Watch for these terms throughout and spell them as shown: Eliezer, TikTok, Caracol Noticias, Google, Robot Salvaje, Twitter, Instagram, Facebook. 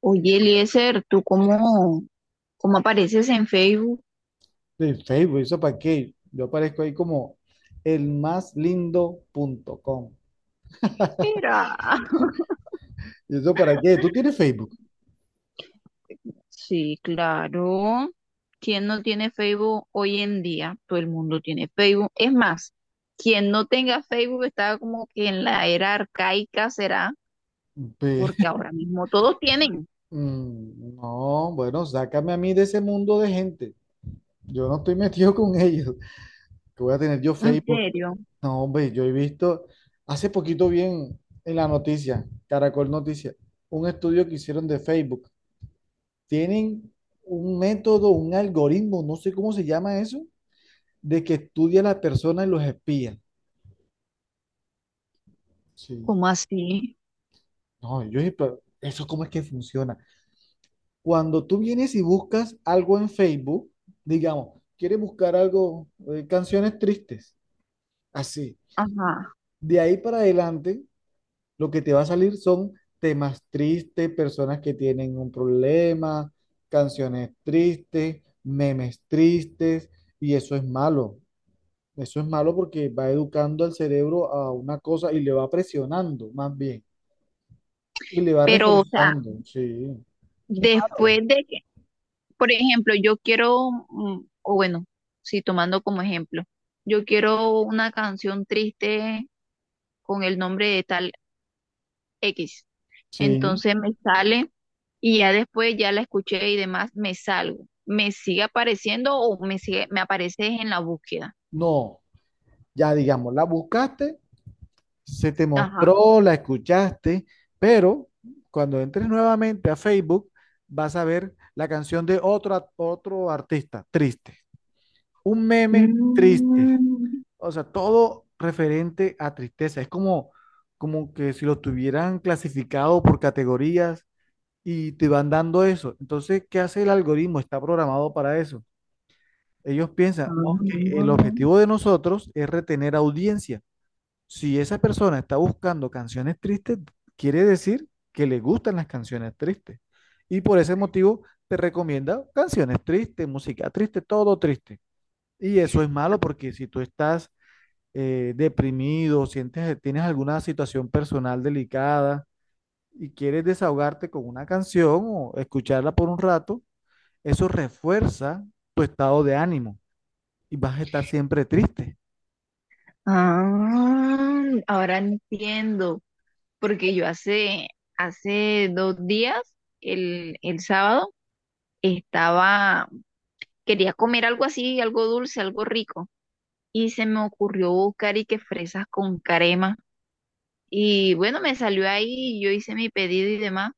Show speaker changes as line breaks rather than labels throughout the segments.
Oye, Eliezer, ¿cómo apareces en Facebook?
De Facebook, ¿eso para qué? Yo aparezco ahí como elmaslindo.com.
Mira.
¿Y eso para qué? ¿Tú tienes Facebook?
Sí, claro. ¿Quién no tiene Facebook hoy en día? Todo el mundo tiene Facebook. Es más, quien no tenga Facebook está como que en la era arcaica será,
Pe-
porque ahora mismo todos tienen.
No, bueno, sácame a mí de ese mundo de gente. Yo no estoy metido con ellos. Que voy a tener yo
¿En
Facebook.
serio?
No, hombre, yo he visto hace poquito bien en la noticia, Caracol Noticias, un estudio que hicieron de Facebook. Tienen un método, un algoritmo, no sé cómo se llama eso, de que estudia a la persona y los espía. Sí.
¿Cómo así?
No, yo pero eso cómo es que funciona. Cuando tú vienes y buscas algo en Facebook, digamos, quieres buscar algo, canciones tristes, así.
Ajá.
De ahí para adelante, lo que te va a salir son temas tristes, personas que tienen un problema, canciones tristes, memes tristes, y eso es malo. Eso es malo porque va educando al cerebro a una cosa y le va presionando más bien. Y le va
Pero, o sea,
reforzando, sí,
después
claro,
de que, por ejemplo, o bueno, sí, tomando como ejemplo, yo quiero una canción triste con el nombre de tal X.
sí,
Entonces me sale y ya después ya la escuché y demás, me salgo. ¿Me sigue apareciendo o me aparece en la búsqueda?
no, ya digamos, la buscaste, se te
Ajá.
mostró, la escuchaste, pero cuando entres nuevamente a Facebook vas a ver la canción de otro, otro artista, triste, un meme triste,
Mm,
o sea, todo referente a tristeza, es como, como que si lo tuvieran clasificado por categorías y te van dando eso. Entonces, ¿qué hace el algoritmo? Está programado para eso. Ellos piensan, ok, el
ah,
objetivo de nosotros es retener audiencia. Si esa persona está buscando canciones tristes, quiere decir que le gustan las canciones tristes. Y por ese motivo te recomienda canciones tristes, música triste, todo triste. Y eso es malo porque si tú estás deprimido, sientes, tienes alguna situación personal delicada y quieres desahogarte con una canción o escucharla por un rato, eso refuerza tu estado de ánimo y vas a estar siempre triste.
ahora entiendo, porque hace 2 días, el sábado, estaba, quería comer algo así, algo dulce, algo rico, y se me ocurrió buscar y que fresas con crema. Y bueno, me salió ahí, yo hice mi pedido y demás,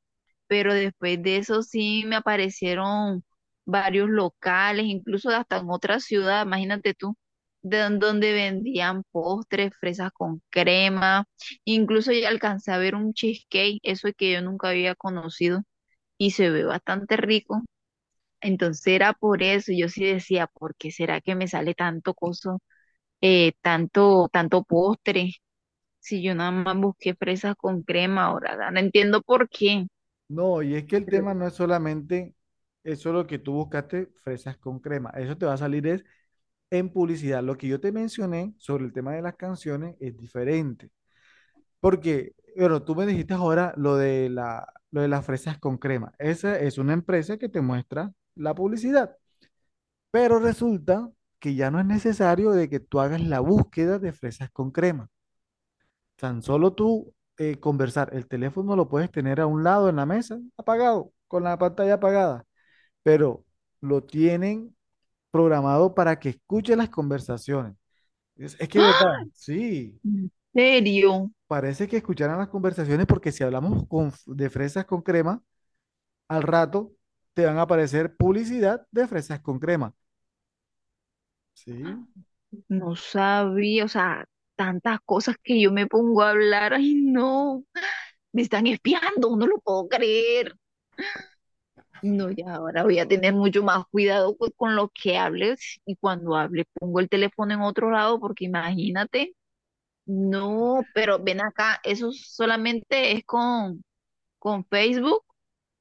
pero después de eso sí me aparecieron varios locales, incluso hasta en otra ciudad, imagínate tú, de don- donde vendían postres, fresas con crema, incluso ya alcancé a ver un cheesecake, eso que yo nunca había conocido y se ve bastante rico. Entonces era por eso, yo sí decía, ¿por qué será que me sale tanto coso, tanto postre? Si yo nada más busqué fresas con crema ahora, no entiendo por qué.
No, y es que el
Pero,
tema no es solamente eso lo que tú buscaste, fresas con crema. Eso te va a salir es en publicidad. Lo que yo te mencioné sobre el tema de las canciones es diferente. Porque, bueno, tú me dijiste ahora lo de las fresas con crema. Esa es una empresa que te muestra la publicidad. Pero resulta que ya no es necesario de que tú hagas la búsqueda de fresas con crema. Tan solo tú conversar, el teléfono lo puedes tener a un lado en la mesa, apagado, con la pantalla apagada, pero lo tienen programado para que escuche las conversaciones. Es que es verdad,
¡ah!
sí,
¿En serio?
parece que escucharan las conversaciones porque si hablamos de fresas con crema, al rato te van a aparecer publicidad de fresas con crema. Sí,
No sabía, o sea, tantas cosas que yo me pongo a hablar. Ay, no, me están espiando, no lo puedo creer. No, ya ahora voy a tener mucho más cuidado co- con lo que hables y cuando hable pongo el teléfono en otro lado porque imagínate. No, pero ven acá, ¿eso solamente es con, ¿con Facebook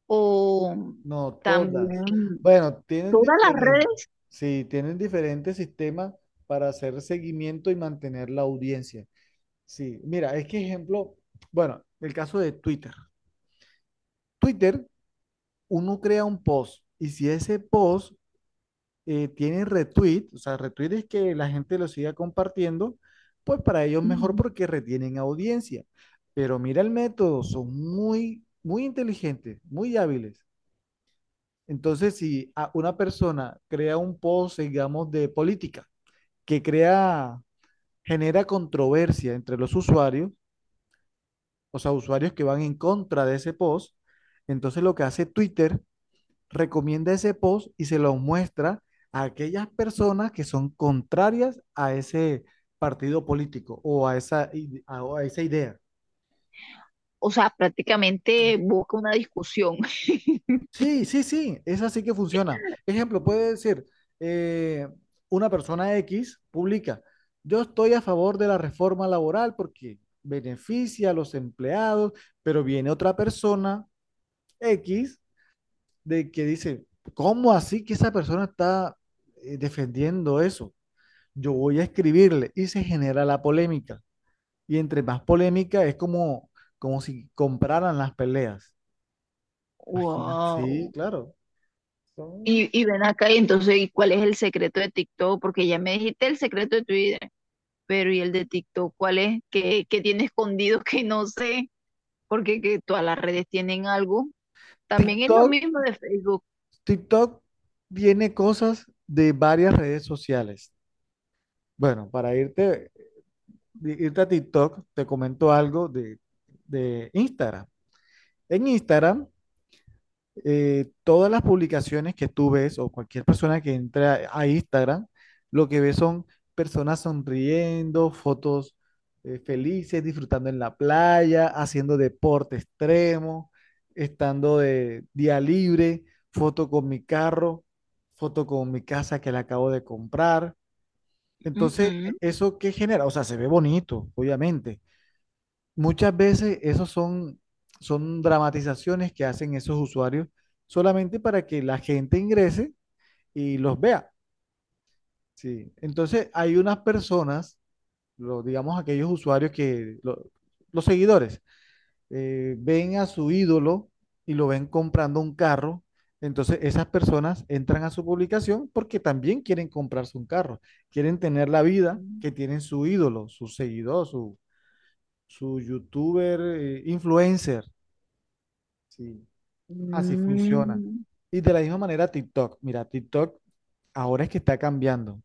o
no, todas.
también?
Bueno, tienen
Todas las
diferentes,
redes,
sí, tienen diferentes sistemas para hacer seguimiento y mantener la audiencia. Sí, mira, es que ejemplo, bueno, el caso de Twitter. Twitter, uno crea un post y si ese post tiene retweet, o sea, retweet es que la gente lo siga compartiendo, pues para ellos mejor
ujú,
porque retienen audiencia. Pero mira el método, son muy, muy inteligentes, muy hábiles. Entonces, si una persona crea un post, digamos, de política, que crea, genera controversia entre los usuarios, o sea, usuarios que van en contra de ese post, entonces lo que hace Twitter, recomienda ese post y se lo muestra a aquellas personas que son contrarias a ese partido político o a esa, ide- a- o a esa idea.
o sea, prácticamente busca una discusión.
Sí, sí, sí, es así que funciona. Ejemplo, puede decir, eh, una persona X publica, yo estoy a favor de la reforma laboral porque beneficia a los empleados, pero viene otra persona X de que dice, ¿cómo así que esa persona está defendiendo eso? Yo voy a escribirle y se genera la polémica. Y entre más polémica es como, como si compraran las peleas. Imagina. Sí,
Wow.
claro. Son
Y ven acá y entonces, ¿y cuál es el secreto de TikTok? Porque ya me dijiste el secreto de Twitter, pero ¿y el de TikTok cuál es? ¿Qué tiene escondido que no sé? Porque que todas las redes tienen algo. También es lo
TikTok
mismo de Facebook.
TikTok tiene cosas de varias redes sociales. Bueno, irte a TikTok, te comento algo de Instagram. En Instagram todas las publicaciones que tú ves o cualquier persona que entra a Instagram, lo que ve son personas sonriendo, fotos felices, disfrutando en la playa, haciendo deporte extremo, estando de día libre, foto con mi carro, foto con mi casa que la acabo de comprar. Entonces,
Ujú.
¿eso qué genera? O sea, se ve bonito, obviamente, muchas veces esos son, son dramatizaciones que hacen esos usuarios solamente para que la gente ingrese y los vea. Sí. Entonces hay unas personas, lo, digamos aquellos usuarios que, los seguidores, ven a su ídolo y lo ven comprando un carro. Entonces esas personas entran a su publicación porque también quieren comprarse un carro, quieren tener la vida que tienen su ídolo, su seguidor, su youtuber, influencer. Sí, así funciona.
Mm,
Y de la misma manera TikTok. Mira, TikTok ahora es que está cambiando,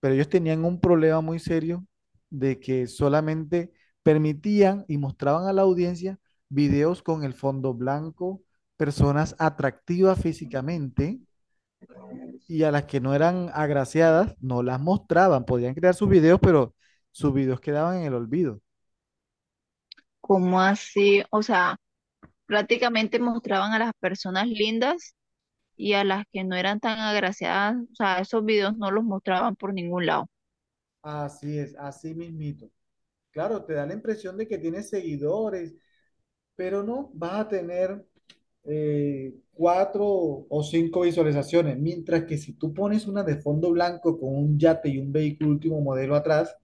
pero ellos tenían un problema muy serio de que solamente permitían y mostraban a la audiencia videos con el fondo blanco, personas atractivas físicamente y a las que no eran agraciadas no las mostraban. Podían crear sus videos, pero sus videos quedaban en el olvido.
¿cómo así? O sea, prácticamente mostraban a las personas lindas y a las que no eran tan agraciadas, o sea, esos videos no los mostraban por ningún lado.
Así es, así mismito. Claro, te da la impresión de que tienes seguidores pero no vas a tener cuatro o cinco visualizaciones, mientras que si tú pones una de fondo blanco con un yate y un vehículo último modelo atrás,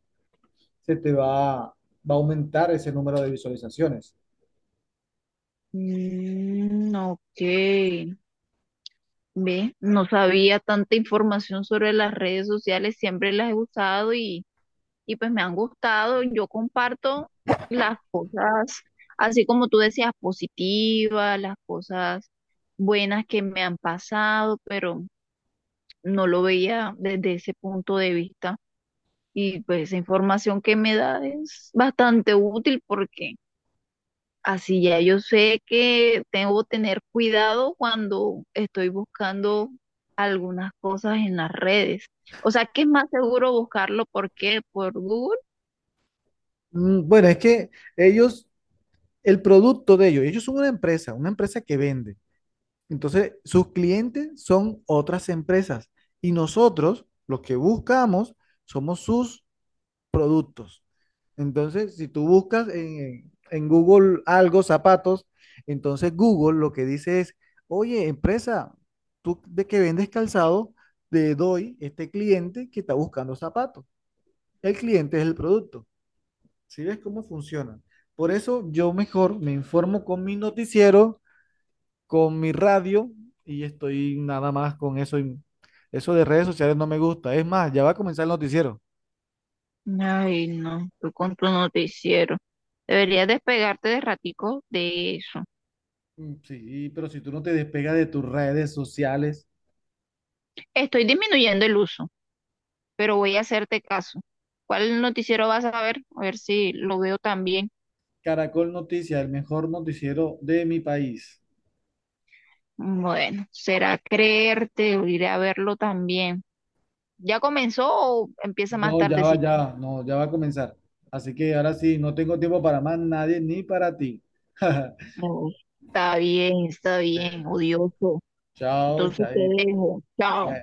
se te va a aumentar ese número de visualizaciones.
Mm, ok, ve, no sabía tanta información sobre las redes sociales, siempre las he usado y pues me han gustado. Yo comparto las cosas, así como tú decías, positivas, las cosas buenas que me han pasado, pero no lo veía desde ese punto de vista. Y pues esa información que me da es bastante útil porque así ya yo sé que tengo que tener cuidado cuando estoy buscando algunas cosas en las redes. O sea, ¿que es más seguro buscarlo por qué? ¿Por Google?
Bueno, es que ellos, el producto de ellos, ellos son una empresa que vende. Entonces, sus clientes son otras empresas y nosotros, los que buscamos, somos sus productos. Entonces, si tú buscas en Google algo, zapatos, entonces Google lo que dice es, oye, empresa, tú de que vendes calzado, te doy este cliente que está buscando zapatos. El cliente es el producto. ¿Sí ves cómo funciona? Por eso yo mejor me informo con mi noticiero, con mi radio y estoy nada más con eso. Y eso de redes sociales no me gusta. Es más, ya va a comenzar el noticiero.
Ay, no, tú con tu noticiero. Deberías despegarte de ratico de eso.
Sí, pero si tú no te despegas de tus redes sociales,
Estoy disminuyendo el uso, pero voy a hacerte caso. ¿Cuál noticiero vas a ver? A ver si lo veo también.
Caracol Noticias, el mejor noticiero de mi país.
Bueno, será creerte, o iré a verlo también. ¿Ya comenzó o empieza
No,
más tardecito?
ya va, no, ya va a comenzar. Así que ahora sí, no tengo tiempo para más nadie ni para ti.
No, está bien, odioso.
Chao,
Entonces te
chaito.
dejo. Chao.